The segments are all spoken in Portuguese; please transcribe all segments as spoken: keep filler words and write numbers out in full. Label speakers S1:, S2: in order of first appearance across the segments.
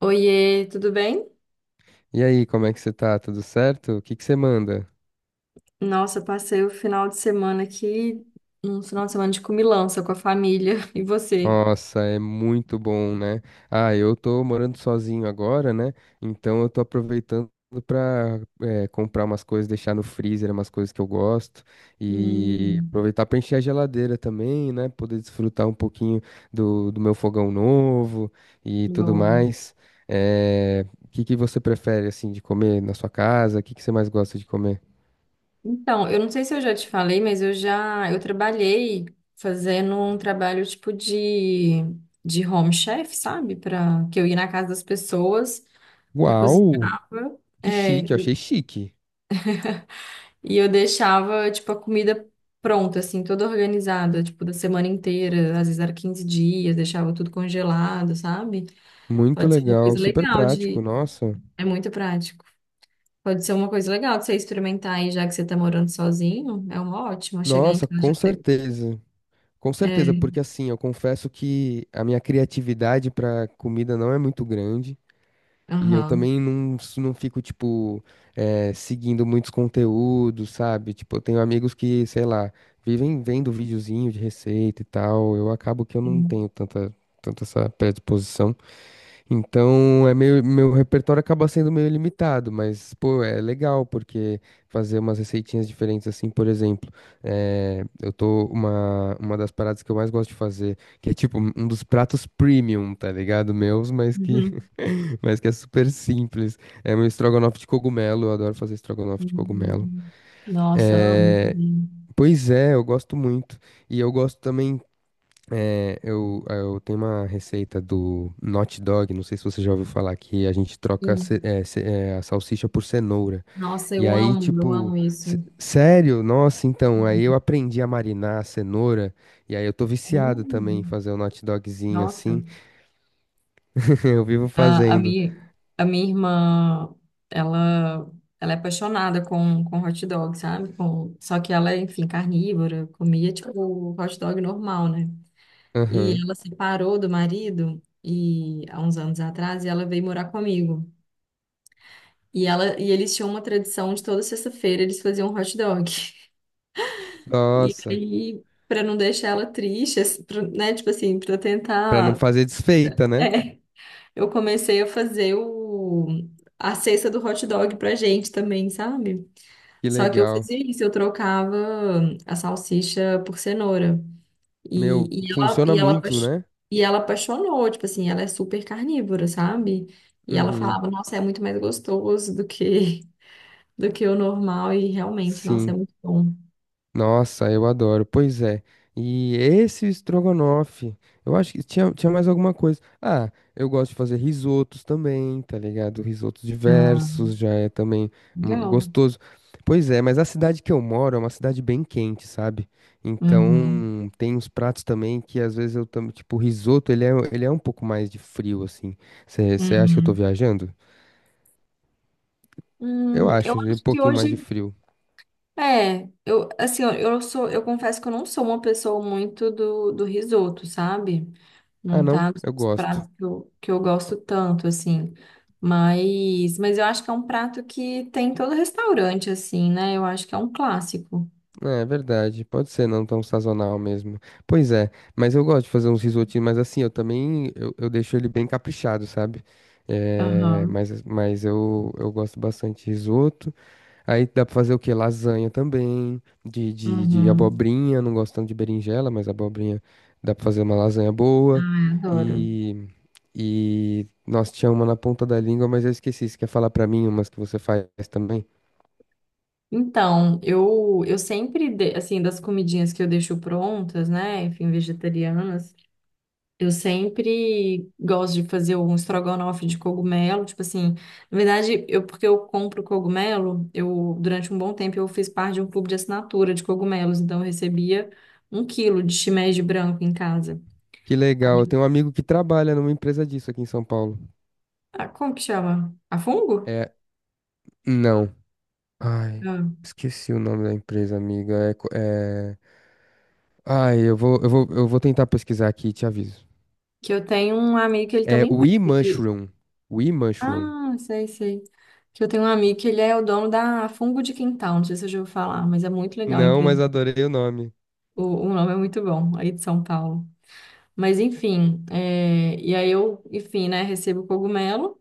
S1: Oiê, tudo bem?
S2: E aí, como é que você tá? Tudo certo? O que que você manda?
S1: Nossa, passei o final de semana aqui, um final de semana de comilança com a família. E você?
S2: Nossa, é muito bom, né? Ah, eu tô morando sozinho agora, né? Então eu tô aproveitando pra eh, comprar umas coisas, deixar no freezer, umas coisas que eu gosto e
S1: Hum,
S2: aproveitar pra encher a geladeira também, né? Poder desfrutar um pouquinho do, do meu fogão novo e tudo
S1: boa.
S2: mais. Eh, O que que você prefere, assim, de comer na sua casa? O que que você mais gosta de comer?
S1: Então, eu não sei se eu já te falei, mas eu já eu trabalhei fazendo um trabalho tipo de, de home chef, sabe? Para que eu ia na casa das pessoas e
S2: Uau!
S1: cozinhava.
S2: Que
S1: É.
S2: chique, eu achei chique.
S1: E eu deixava, tipo, a comida pronta, assim, toda organizada, tipo, da semana inteira, às vezes era quinze dias, deixava tudo congelado, sabe?
S2: Muito
S1: Pode ser uma coisa
S2: legal, super
S1: legal
S2: prático,
S1: de.
S2: nossa.
S1: É muito prático. Pode ser uma coisa legal de você experimentar aí, já que você tá morando sozinho. É uma ótima chegar em
S2: Nossa,
S1: casa.
S2: com
S1: E ter-
S2: certeza. Com certeza,
S1: É,
S2: porque assim, eu confesso que a minha criatividade para comida não é muito grande. E eu
S1: aham.
S2: também não, s- não fico, tipo, eh, seguindo muitos conteúdos, sabe? Tipo, eu tenho amigos que, sei lá, vivem vendo videozinho de receita e tal. Eu acabo que eu não
S1: Sim.
S2: tenho tanta, tanta essa predisposição. Então, é meio, meu repertório acaba sendo meio limitado, mas, pô, é legal, porque fazer umas receitinhas diferentes, assim, por exemplo, eh, eu tô, uma, uma das paradas que eu mais gosto de fazer, que é tipo um dos pratos premium, tá ligado? Meus, mas que,
S1: Uhum.
S2: mas que é super simples, é meu estrogonofe de cogumelo, eu adoro fazer estrogonofe de cogumelo.
S1: Hum. Nossa, amo.
S2: Eh, Pois é, eu gosto muito, e eu gosto também. Eu, eh, eu tenho uma receita do Not Dog, não sei se você já ouviu falar, que a gente troca ce-
S1: Sim.
S2: é, ce- é, a salsicha por cenoura.
S1: Nossa,
S2: E
S1: eu
S2: aí,
S1: amo, eu
S2: tipo,
S1: amo isso.
S2: se- sério? Nossa, então, aí
S1: Uhum.
S2: eu aprendi a marinar a cenoura, e aí eu tô viciado também em
S1: Hum.
S2: fazer o Not Dogzinho
S1: Nossa.
S2: assim. Eu vivo
S1: A, a
S2: fazendo.
S1: minha, a minha irmã, ela, ela é apaixonada com, com hot dog, sabe? Com, só que ela é, enfim, carnívora, comia tipo hot dog normal, né? E
S2: Aham.
S1: ela separou do marido e há uns anos atrás e ela veio morar comigo. E ela e eles tinham uma tradição de toda sexta-feira eles faziam um hot dog. E
S2: Nossa,
S1: aí, para não deixar ela triste, assim, pra- né, tipo assim, para
S2: pra não
S1: tentar.
S2: fazer desfeita, né?
S1: Eu comecei a fazer o... a cesta do hot dog pra gente também, sabe?
S2: Que
S1: Só que eu
S2: legal.
S1: fazia isso, eu trocava a salsicha por cenoura.
S2: Meu,
S1: E, e ela,
S2: funciona
S1: e ela,
S2: muito,
S1: apaix-
S2: né?
S1: e ela apaixonou, tipo assim, ela é super carnívora, sabe? E ela
S2: Uhum.
S1: falava, nossa, é muito mais gostoso do que, do que o normal, e realmente, nossa, é
S2: Sim.
S1: muito bom.
S2: Nossa, eu adoro. Pois é. E esse estrogonofe, eu acho que tinha, tinha mais alguma coisa. Ah, eu gosto de fazer risotos também, tá ligado? Risotos
S1: Ah,
S2: diversos já é também hum,
S1: legal.
S2: gostoso. Pois é, mas a cidade que eu moro é uma cidade bem quente, sabe?
S1: Uhum,
S2: Então, tem uns pratos também que às vezes eu também, tipo, o risoto, ele é, ele é um pouco mais de frio, assim. Você acha que eu tô
S1: uhum.
S2: viajando? Eu
S1: Hum, eu
S2: acho, ele é um
S1: acho que
S2: pouquinho mais de
S1: hoje.
S2: frio.
S1: É, eu assim, eu, eu sou, eu confesso que eu não sou uma pessoa muito do, do risoto, sabe?
S2: Ah,
S1: Não
S2: não,
S1: tá nos
S2: eu gosto.
S1: pratos que eu, que eu gosto tanto, assim. Mas, mas eu acho que é um prato que tem em todo restaurante, assim, né? Eu acho que é um clássico.
S2: É é verdade, pode ser não tão sazonal mesmo. Pois é, mas eu gosto de fazer uns risotinhos, mas assim, eu também, eu, eu deixo ele bem caprichado, sabe? É,
S1: Aham,
S2: mas mas eu, eu gosto bastante de risoto. Aí dá pra fazer o quê? Lasanha também, de, de, de
S1: uhum.
S2: abobrinha, não gosto tanto de berinjela, mas abobrinha dá pra fazer uma lasanha boa.
S1: Ai, adoro.
S2: E, e, nossa, tinha uma na ponta da língua, mas eu esqueci, você quer falar pra mim umas que você faz também?
S1: Então, eu, eu sempre, de- assim, das comidinhas que eu deixo prontas, né? Enfim, vegetarianas. Eu sempre gosto de fazer um estrogonofe de cogumelo, tipo assim, na verdade, eu porque eu compro cogumelo, eu durante um bom tempo eu fiz parte de um clube de assinatura de cogumelos, então eu recebia um quilo de shimeji branco em casa.
S2: Que legal. Eu tenho um amigo que trabalha numa empresa disso aqui em São Paulo.
S1: Ah, como que chama? A fungo?
S2: É. Não. Ai,
S1: Ah,
S2: esqueci o nome da empresa, amiga. É. co- é... Ai, eu vou, eu vou, eu vou tentar pesquisar aqui e te aviso.
S1: que eu tenho um amigo que ele tem uma
S2: É We
S1: empresa de.
S2: Mushroom. We Mushroom.
S1: Ah, sei, sei. Que eu tenho um amigo que ele é o dono da Fungo de Quintal, não sei se eu já ouvi falar, mas é muito legal a
S2: Não,
S1: empresa.
S2: mas adorei o nome.
S1: O, o nome é muito bom, aí de São Paulo. Mas enfim, é, e aí eu, enfim, né, recebo o cogumelo,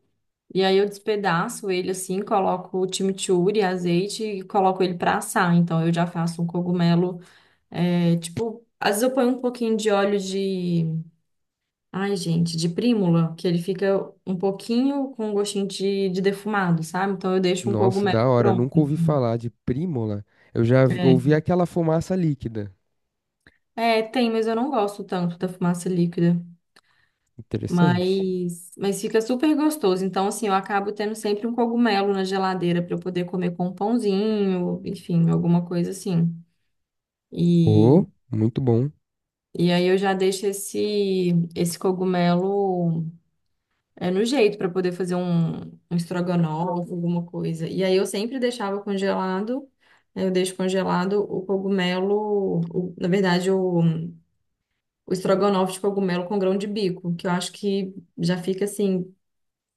S1: e aí eu despedaço ele assim, coloco o chimichurri, azeite e coloco ele para assar. Então eu já faço um cogumelo, é, tipo, às vezes eu ponho um pouquinho de óleo de, ai gente, de prímula, que ele fica um pouquinho com um gostinho de, de defumado, sabe? Então eu deixo um
S2: Nossa,
S1: cogumelo
S2: da hora.
S1: pronto
S2: Nunca ouvi
S1: assim.
S2: falar de Prímola. Eu já vi-
S1: É.
S2: ouvi aquela fumaça líquida.
S1: É, tem, mas eu não gosto tanto da fumaça líquida.
S2: Interessante.
S1: Mas, mas fica super gostoso. Então, assim, eu acabo tendo sempre um cogumelo na geladeira para eu poder comer com um pãozinho, enfim, alguma coisa assim. E,
S2: Oh, muito bom.
S1: e aí eu já deixo esse, esse cogumelo é, no jeito para poder fazer um, um estrogonofe, alguma coisa. E aí eu sempre deixava congelado, né, eu deixo congelado o cogumelo, o- na verdade, o, o estrogonofe de cogumelo com grão de bico, que eu acho que já fica assim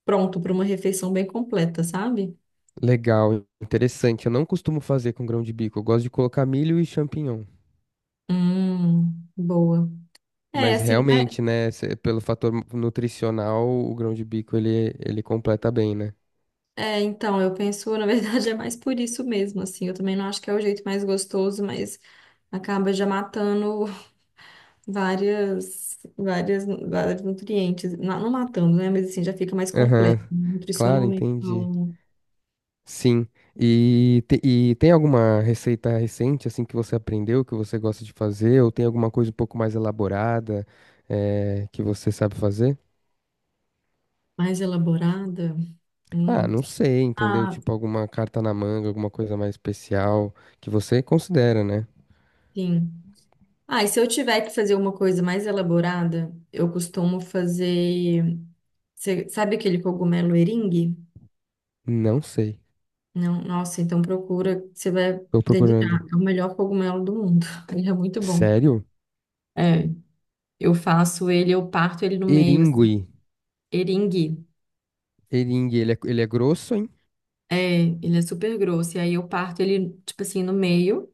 S1: pronto para uma refeição bem completa, sabe?
S2: Legal, interessante. Eu não costumo fazer com grão de bico. Eu gosto de colocar milho e champignon.
S1: Hum, boa. É,
S2: Mas
S1: assim,
S2: realmente, né, cê- pelo fator nutricional, o grão de bico ele, ele completa bem, né?
S1: é, é, então, eu penso, na verdade, é mais por isso mesmo, assim, eu também não acho que é o jeito mais gostoso, mas acaba já matando várias, várias, vários nutrientes, não, não matando, né, mas assim, já fica mais completa,
S2: Aham. Claro,
S1: nutricionalmente
S2: entendi.
S1: falando,
S2: Sim. E, te- e tem alguma receita recente, assim, que você aprendeu, que você gosta de fazer? Ou tem alguma coisa um pouco mais elaborada, eh, que você sabe fazer?
S1: mais elaborada.
S2: Ah,
S1: Hum.
S2: não sei, entendeu?
S1: Ah,
S2: Tipo alguma carta na manga, alguma coisa mais especial que você considera, né?
S1: sim. Ah, e se eu tiver que fazer uma coisa mais elaborada, eu costumo fazer. Você sabe aquele cogumelo eringue?
S2: Não sei.
S1: Não, nossa, então procura, você vai
S2: Tô procurando.
S1: delirar. É o melhor cogumelo do mundo. Ele é muito bom.
S2: Sério?
S1: É, eu faço ele, eu parto ele no meio, assim,
S2: Eringue.
S1: eringue.
S2: Eringue, ele é, ele é grosso, hein?
S1: É, ele é super grosso. E aí eu parto ele, tipo assim, no meio,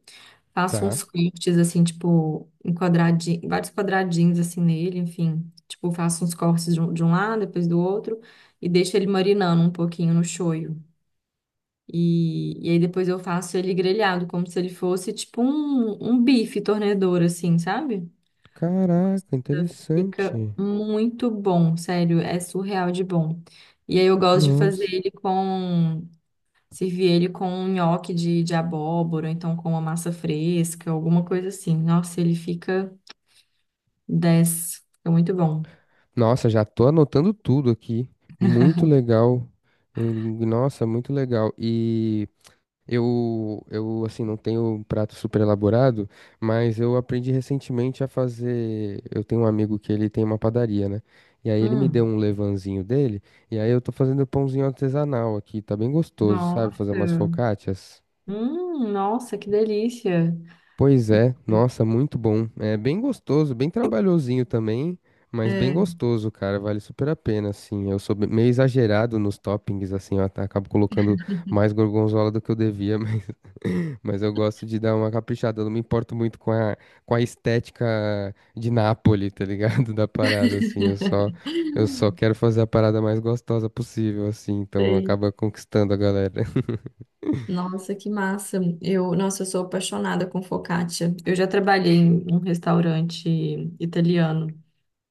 S1: faço
S2: Tá.
S1: uns cortes, assim, tipo, em quadradinho, vários quadradinhos, assim, nele, enfim. Tipo, faço uns cortes de um, de um lado, depois do outro, e deixo ele marinando um pouquinho no shoyu. E, e aí depois eu faço ele grelhado, como se ele fosse tipo um, um bife tornedor, assim, sabe?
S2: Caraca,
S1: Fica
S2: interessante.
S1: muito bom, sério, é surreal de bom. E aí eu gosto de fazer
S2: Nossa.
S1: ele com, servir ele com um nhoque de, de abóbora, ou então com uma massa fresca, alguma coisa assim. Nossa, ele fica dez, fica muito bom.
S2: Nossa, já tô anotando tudo aqui. Muito legal. Ele- Nossa, muito legal. E eu, eu assim, não tenho um prato super elaborado, mas eu aprendi recentemente a fazer. Eu tenho um amigo que ele tem uma padaria, né? E aí ele me deu
S1: Hum,
S2: um levanzinho dele, e aí eu tô fazendo pãozinho artesanal aqui. Tá bem gostoso, sabe? Fazer
S1: nossa,
S2: umas focaccias.
S1: hum, nossa, que delícia.
S2: Pois é, nossa, muito bom. É bem gostoso, bem trabalhosinho também, mas bem
S1: É,
S2: gostoso, cara. Vale super a pena, assim. Eu sou be- meio exagerado nos toppings, assim, eu at- acabo colocando mais gorgonzola do que eu devia, mas, mas eu gosto de dar uma caprichada. Eu não me importo muito com a, com a estética de Nápoles, tá ligado? Da parada, assim. Eu só, eu só quero fazer a parada mais gostosa possível, assim. Então
S1: sei.
S2: acaba conquistando a galera.
S1: Nossa, que massa. Eu, nossa, eu sou apaixonada com focaccia. Eu já trabalhei em um restaurante italiano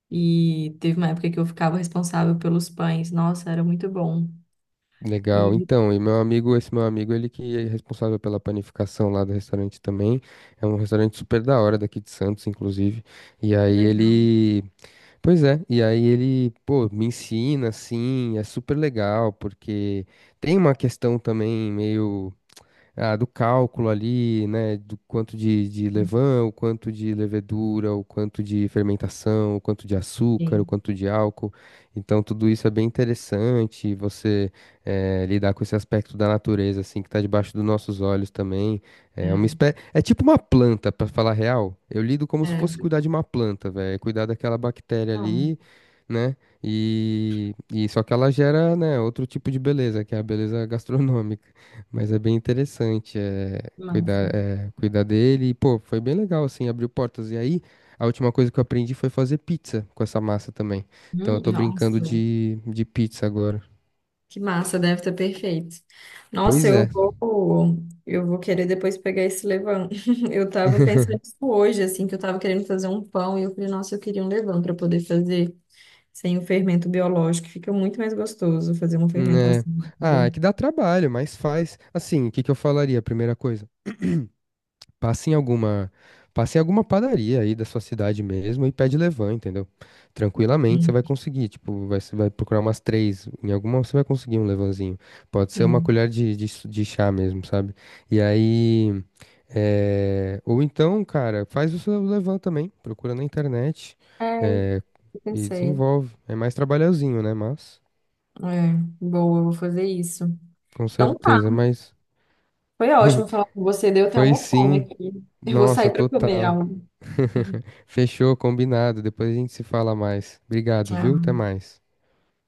S1: e teve uma época que eu ficava responsável pelos pães. Nossa, era muito bom.
S2: Legal.
S1: E
S2: Então, e meu amigo, esse meu amigo, ele que é responsável pela panificação lá do restaurante também. É um restaurante super da hora daqui de Santos, inclusive. E
S1: que
S2: aí
S1: legal.
S2: ele, pois é, e aí ele, pô, me ensina assim, é super legal, porque tem uma questão também meio ah, do cálculo ali, né, do quanto de, de levain, o quanto de levedura, o quanto de fermentação, o quanto de açúcar, o
S1: Sim,
S2: quanto de álcool. Então, tudo isso é bem interessante, você eh, lidar com esse aspecto da natureza, assim, que está debaixo dos nossos olhos também.
S1: é,
S2: É uma espé... é tipo uma planta, para falar a real. Eu lido como se fosse
S1: é.
S2: cuidar de uma planta, velho. É cuidar daquela bactéria
S1: Não,
S2: ali, né, e... e só que ela gera, né, outro tipo de beleza, que é a beleza gastronômica. Mas é bem interessante é,
S1: que massa.
S2: cuidar, é, cuidar dele. E, pô, foi bem legal, assim, abriu portas. E aí, a última coisa que eu aprendi foi fazer pizza com essa massa também. Então, eu
S1: Hum,
S2: tô brincando
S1: nossa,
S2: de, de pizza agora.
S1: que massa, deve estar perfeito. Nossa,
S2: Pois
S1: eu
S2: é.
S1: vou, eu vou querer depois pegar esse levain. Eu tava pensando isso hoje, assim, que eu tava querendo fazer um pão e eu falei, nossa, eu queria um levain para poder fazer. Sem o fermento biológico, fica muito mais gostoso fazer uma
S2: Né?
S1: fermentação.
S2: Ah, é que dá trabalho, mas faz. Assim, o que que eu falaria? A primeira coisa. Passa em alguma, passa em alguma padaria aí da sua cidade mesmo e pede levan, entendeu? Tranquilamente você
S1: Hum.
S2: vai conseguir, tipo, vai, você vai procurar umas três, em alguma você vai conseguir um levanzinho. Pode ser uma
S1: Sim.
S2: colher de, de, su- de chá mesmo, sabe? E aí, é, ou então, cara, faz o seu levan também, procura na internet,
S1: É,
S2: é,
S1: eu
S2: e
S1: pensei.
S2: desenvolve. É mais trabalhosinho, né? Mas,
S1: É, boa, eu vou fazer isso.
S2: com
S1: Então tá,
S2: certeza, mas
S1: foi ótimo falar com você, deu até
S2: foi
S1: uma fome
S2: sim.
S1: aqui. Eu vou sair
S2: Nossa,
S1: para comer
S2: total.
S1: algo.
S2: Fechou, combinado. Depois a gente se fala mais. Obrigado, viu?
S1: Tchau.
S2: Até mais.